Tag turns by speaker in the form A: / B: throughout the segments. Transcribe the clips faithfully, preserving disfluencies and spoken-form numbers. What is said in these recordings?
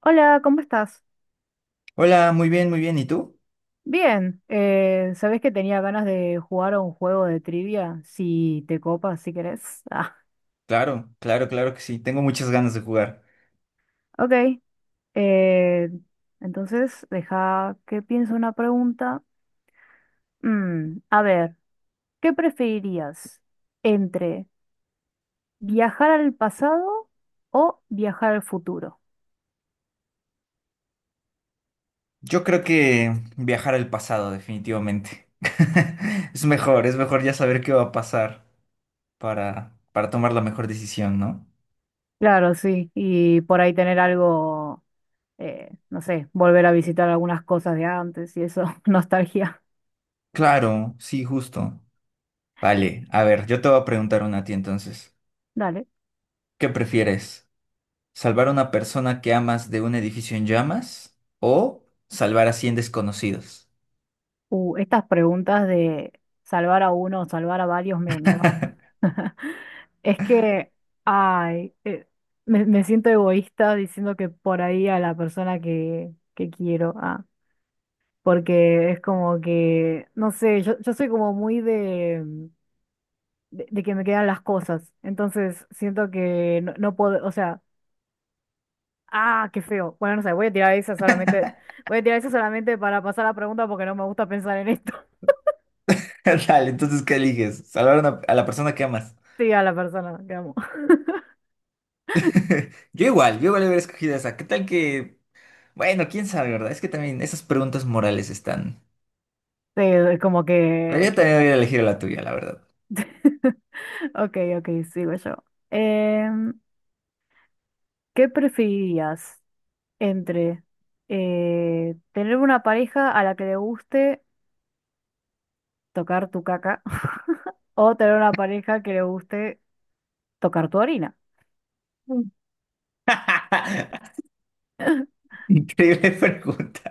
A: Hola, ¿cómo estás?
B: Hola, muy bien, muy bien. ¿Y tú?
A: Bien, eh, ¿sabés que tenía ganas de jugar a un juego de trivia? Si te copas, si querés. Ah,
B: Claro, claro, claro que sí. Tengo muchas ganas de jugar.
A: ok. eh, entonces, deja que piense una pregunta. Mm, a ver, ¿qué preferirías entre viajar al pasado o viajar al futuro?
B: Yo creo que viajar al pasado, definitivamente. Es mejor, es mejor ya saber qué va a pasar para, para tomar la mejor decisión, ¿no?
A: Claro, sí, y por ahí tener algo, eh, no sé, volver a visitar algunas cosas de antes y eso, nostalgia.
B: Claro, sí, justo. Vale, a ver, yo te voy a preguntar una a ti entonces.
A: Dale.
B: ¿Qué prefieres? ¿Salvar a una persona que amas de un edificio en llamas o salvar a cien desconocidos?
A: Uh, estas preguntas de salvar a uno o salvar a varios me, me matan. Es que, ay, eh, me, me siento egoísta diciendo que por ahí a la persona que, que quiero, ah, porque es como que, no sé, yo, yo soy como muy de, de, de que me quedan las cosas, entonces siento que no, no puedo, o sea, ah, qué feo. Bueno, no sé, voy a tirar esa solamente, voy a tirar esa solamente para pasar la pregunta porque no me gusta pensar en esto.
B: Dale, entonces, ¿qué eliges? ¿Salvar a una- a la persona que amas?
A: Sí, a la persona que amo.
B: Yo igual, yo igual hubiera escogido esa. ¿Qué tal que... Bueno, quién sabe, ¿verdad? Es que también esas preguntas morales están...
A: Sí, como
B: La
A: que...
B: vida también hubiera elegido la tuya, la verdad.
A: Ok, ok, sigo yo. Em, ¿Qué preferirías entre eh, tener una pareja a la que le guste tocar tu caca o tener una pareja que le guste tocar tu orina?
B: Mm. Increíble pregunta.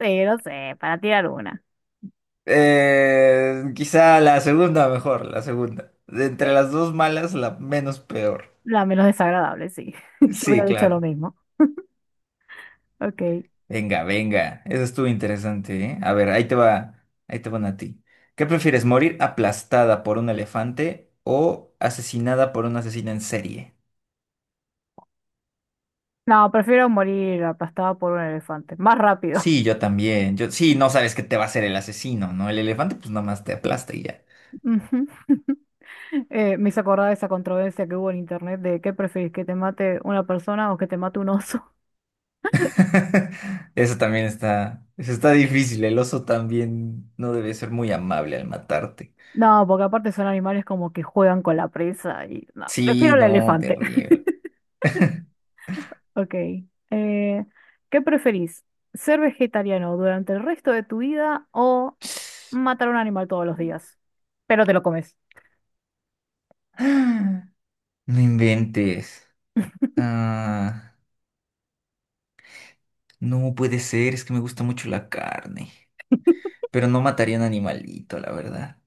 A: Sí, no sé, para tirar una.
B: Eh, quizá la segunda mejor, la segunda. De
A: Sí.
B: entre las dos malas, la menos peor.
A: La menos desagradable, sí. Yo
B: Sí,
A: hubiera dicho lo
B: claro.
A: mismo. Ok.
B: Venga, venga. Eso estuvo interesante, ¿eh? A ver, ahí te va, ahí te van a ti. ¿Qué prefieres, morir aplastada por un elefante o asesinada por un asesino en serie?
A: No, prefiero morir aplastada por un elefante. Más rápido.
B: Sí, yo también. Yo, sí, no sabes qué te va a hacer el asesino, ¿no? El elefante, pues nada más te aplasta y ya.
A: Ujú. Eh, me hizo acordar de esa controversia que hubo en internet de qué preferís, que te mate una persona o que te mate un oso.
B: Eso también está, eso está difícil. El oso también no debe ser muy amable al matarte.
A: No, porque aparte son animales como que juegan con la presa y no, prefiero
B: Sí,
A: el
B: no,
A: elefante.
B: terrible.
A: Ok. eh, ¿Qué preferís? ¿Ser vegetariano durante el resto de tu vida o matar un animal todos los días? Pero te lo comes.
B: No inventes. Ah, no puede ser, es que me gusta mucho la carne. Pero no mataría un animalito, la verdad.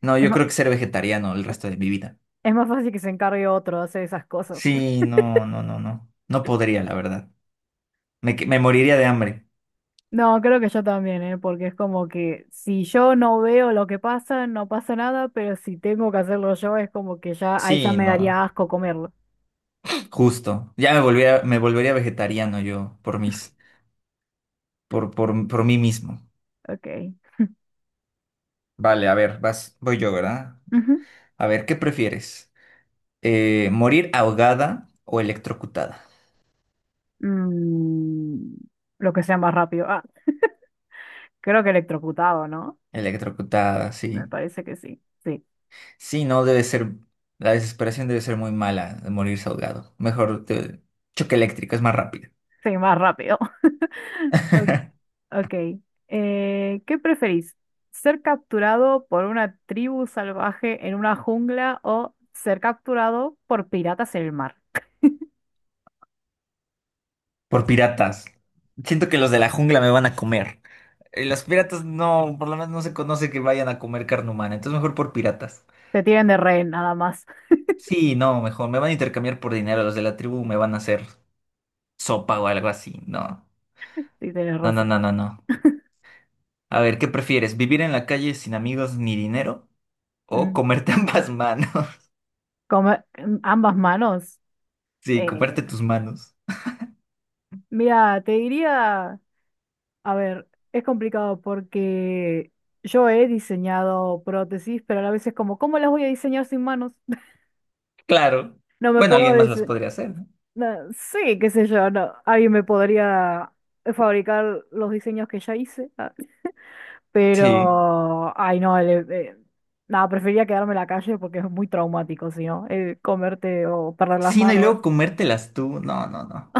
B: No,
A: Es
B: yo
A: más,
B: creo que ser vegetariano el resto de mi vida.
A: es más fácil que se encargue otro de hacer esas cosas.
B: Sí, no, no, no, no. No podría, la verdad. Me, que- me moriría de hambre.
A: No, creo que yo también, ¿eh? Porque es como que si yo no veo lo que pasa, no pasa nada, pero si tengo que hacerlo yo, es como que ya ahí ya
B: Sí,
A: me
B: no.
A: daría asco comerlo.
B: Justo. Ya me volvería, me volvería vegetariano yo por mis, por, por, por mí mismo.
A: Ok.
B: Vale, a ver, vas, voy yo, ¿verdad?
A: Ujú.
B: A ver, ¿qué prefieres? Eh, ¿morir ahogada o electrocutada?
A: Mm, lo que sea más rápido. Ah, creo que electrocutado, ¿no?
B: Electrocutada,
A: Me
B: sí.
A: parece que sí. Sí,
B: Sí, no debe ser, la desesperación debe ser muy mala de morirse ahogado. Mejor te- choque eléctrico, es más rápido.
A: sí, más rápido. Ok. Eh, ¿qué preferís? ¿Ser capturado por una tribu salvaje en una jungla o ser capturado por piratas en el mar?
B: Por piratas. Siento que los de la jungla me van a comer. Eh, Los piratas no, por lo menos no se conoce que vayan a comer carne humana, entonces mejor por piratas.
A: Te tienen de rehén, nada más.
B: Sí, no, mejor, me van a intercambiar por dinero, los de la tribu me van a hacer sopa o algo así, no.
A: Sí, tienes
B: No, no,
A: razón.
B: no, no, no. A ver, ¿qué prefieres? ¿Vivir en la calle sin amigos ni dinero? ¿O
A: Mm.
B: comerte ambas manos?
A: Como eh, ambas manos.
B: Sí,
A: Eh,
B: comerte tus manos.
A: Mira, te diría, a ver, es complicado porque yo he diseñado prótesis, pero a la vez es como, ¿cómo las voy a diseñar sin manos?
B: Claro.
A: No me
B: Bueno,
A: puedo
B: alguien más las
A: decir,
B: podría hacer, ¿no?
A: sí, qué sé yo, no, alguien me podría fabricar los diseños que ya hice, ah,
B: Sí.
A: pero, ay no, el- eh, nada, preferiría quedarme en la calle porque es muy traumático, si no, eh, comerte o perder las
B: Sí, no, y
A: manos,
B: luego comértelas tú. No, no, no.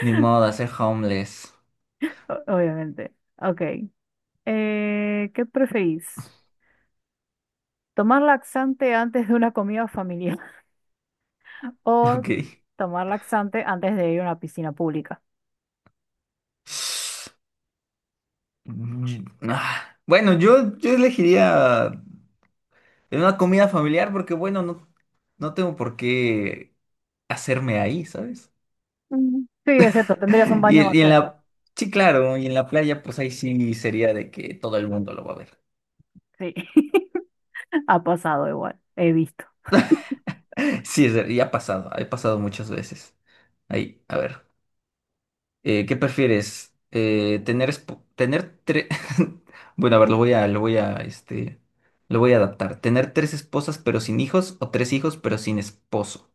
B: Ni modo, hacer homeless.
A: o- obviamente. Ok. Eh, ¿qué preferís? ¿Tomar laxante antes de una comida familiar o tomar laxante antes de ir a una piscina pública?
B: Ok. Mm, ah, bueno, yo, yo elegiría eh, una comida familiar porque, bueno, no, no tengo por qué hacerme ahí, ¿sabes?
A: Mm. Sí, es cierto, tendrías un
B: Y,
A: baño más
B: y en
A: cerca.
B: la... Sí, claro, y en la playa, pues ahí sí sería de que todo el mundo lo va a ver.
A: Sí, ha pasado igual, he visto.
B: Sí, es ver- y ha pasado, ha pasado muchas veces. Ahí, a ver, eh, ¿qué prefieres? Eh, tener, esp- tener tres... Bueno, a ver, lo voy a, lo voy a, este, lo voy a adaptar. ¿Tener tres esposas pero sin hijos o tres hijos pero sin esposo?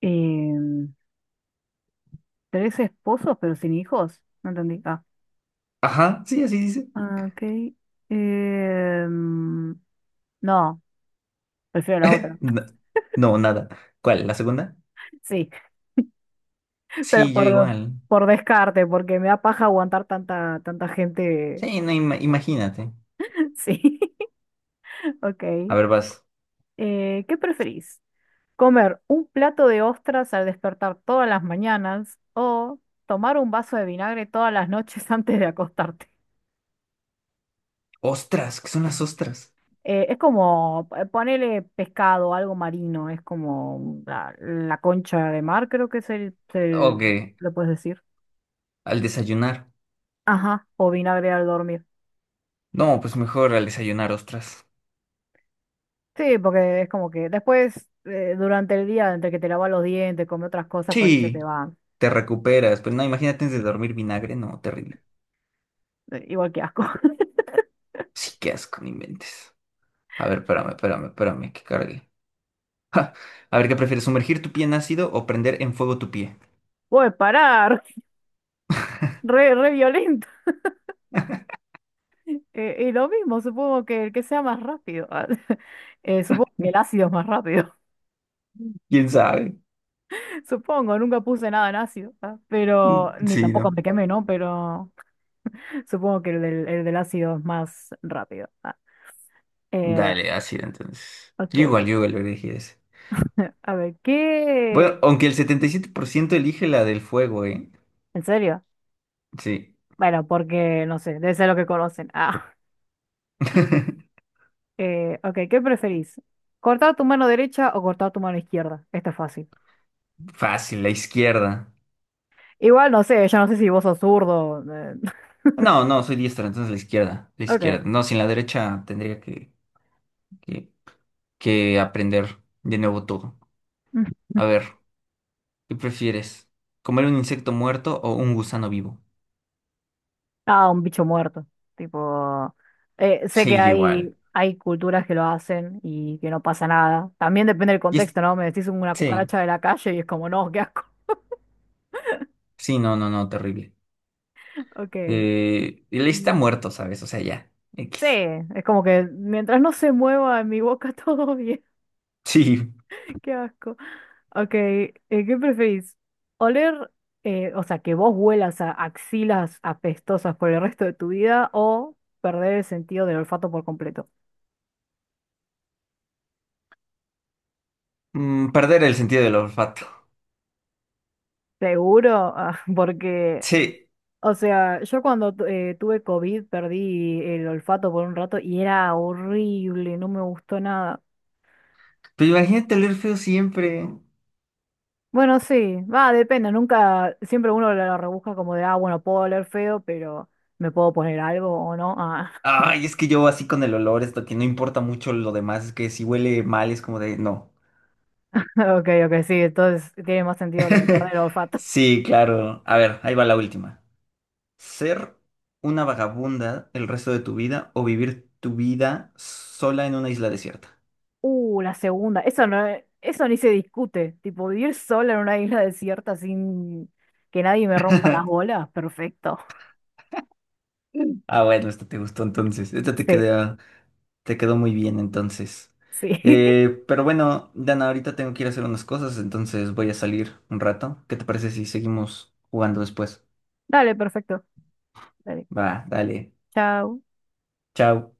A: Em, Tres esposos pero sin hijos, no entendí. Ah,
B: Ajá, sí, así dice.
A: ah, ok. Em, no, prefiero la otra.
B: Na- No, nada. ¿Cuál? ¿La segunda?
A: Sí, pero
B: Sí, yo
A: por,
B: igual.
A: por descarte, porque me da paja aguantar tanta, tanta gente.
B: Sí, no, ima- imagínate.
A: Sí, ok.
B: A ver, vas.
A: Eh, ¿qué preferís? ¿Comer un plato de ostras al despertar todas las mañanas o tomar un vaso de vinagre todas las noches antes de acostarte?
B: Ostras, ¿qué son las ostras?
A: Eh, es como eh, ponerle pescado, algo marino, es como la, la concha de mar, creo que es el,
B: Ok,
A: el- lo puedes decir.
B: al desayunar.
A: Ajá, o vinagre al dormir.
B: No, pues mejor al desayunar ostras.
A: Sí, porque es como que después, eh, durante el día, entre que te lavas los dientes, comes otras cosas, por ahí se te
B: Sí,
A: va.
B: te recuperas, pero no, imagínate antes de dormir vinagre, no, terrible.
A: Eh, Igual que asco.
B: Sí, qué asco, no inventes. A ver, espérame, espérame, espérame, que cargue. Ja, a ver, ¿qué prefieres, sumergir tu pie en ácido o prender en fuego tu pie?
A: Puedes parar, re, re violento. Eh, y lo mismo, supongo que el que sea más rápido. ah, eh, supongo que el ácido es más rápido.
B: ¿Quién sabe?
A: Supongo, nunca puse nada en ácido. ah. Pero,
B: Mm,
A: ni
B: sí,
A: tampoco
B: no.
A: me quemé, ¿no? Pero supongo que el del, el del ácido es más rápido. Ah. Eh,
B: Dale, ácida entonces. Yo
A: ok.
B: igual, yo igual lo elegí ese.
A: A ver, ¿qué?
B: Bueno, aunque el setenta y siete por ciento elige la del fuego, ¿eh?
A: ¿En serio?
B: Sí.
A: Bueno, porque no sé, debe ser lo que conocen. Ah. Eh, ok, ¿qué preferís? ¿Cortar tu mano derecha o cortar tu mano izquierda? Esto es fácil.
B: Fácil, la izquierda.
A: Igual no sé, ya no sé si vos sos zurdo. eh,
B: No, no, soy diestra, entonces la izquierda. La izquierda.
A: ok.
B: No, sin la derecha tendría que, que, que aprender de nuevo todo. A ver, ¿qué prefieres? ¿Comer un insecto muerto o un gusano vivo?
A: Ah, un bicho muerto. Tipo, eh, sé que
B: Sí, yo igual.
A: hay, hay culturas que lo hacen y que no pasa nada. También depende del
B: Y es-
A: contexto, ¿no? Me decís una
B: sí,
A: cucaracha de la calle y es como, no, qué asco.
B: sí, no, no, no, terrible.
A: Ok.
B: Eh, él está
A: Mm,
B: muerto, ¿sabes? O sea, ya.
A: sí,
B: X.
A: es como que mientras no se mueva en mi boca todo bien,
B: Sí.
A: qué asco. Ok, eh, ¿qué preferís? ¿Oler, eh, o sea, que vos huelas a axilas apestosas por el resto de tu vida o perder el sentido del olfato por completo?
B: Mm, perder el sentido del olfato.
A: Seguro, ah, porque
B: Sí,
A: o sea, yo cuando tu- eh, tuve COVID perdí el olfato por un rato y era horrible, no me gustó nada.
B: pero imagínate oler feo siempre.
A: Bueno, sí, va, depende, nunca, siempre uno lo, lo rebusca como de, ah, bueno, puedo oler feo, pero ¿me puedo poner algo o no? Ah,
B: Ay, es que yo así con el olor, esto que no importa mucho lo demás, es que si huele mal es como de no.
A: ok, ok, sí, entonces tiene más sentido lo de perder el olfato.
B: Sí, claro. A ver, ahí va la última. ¿Ser una vagabunda el resto de tu vida o vivir tu vida sola en una isla desierta?
A: Uh, la segunda, eso no, es- eso ni se discute, tipo vivir sola en una isla desierta sin que nadie me rompa las bolas, perfecto.
B: Ah, bueno, esta te gustó entonces. Esta te
A: Sí,
B: quedó. Te quedó muy bien entonces.
A: sí.
B: Eh, pero bueno, Dana, ahorita tengo que ir a hacer unas cosas, entonces voy a salir un rato. ¿Qué te parece si seguimos jugando después?
A: Dale, perfecto. Dale.
B: Va, dale.
A: Chao.
B: Chao.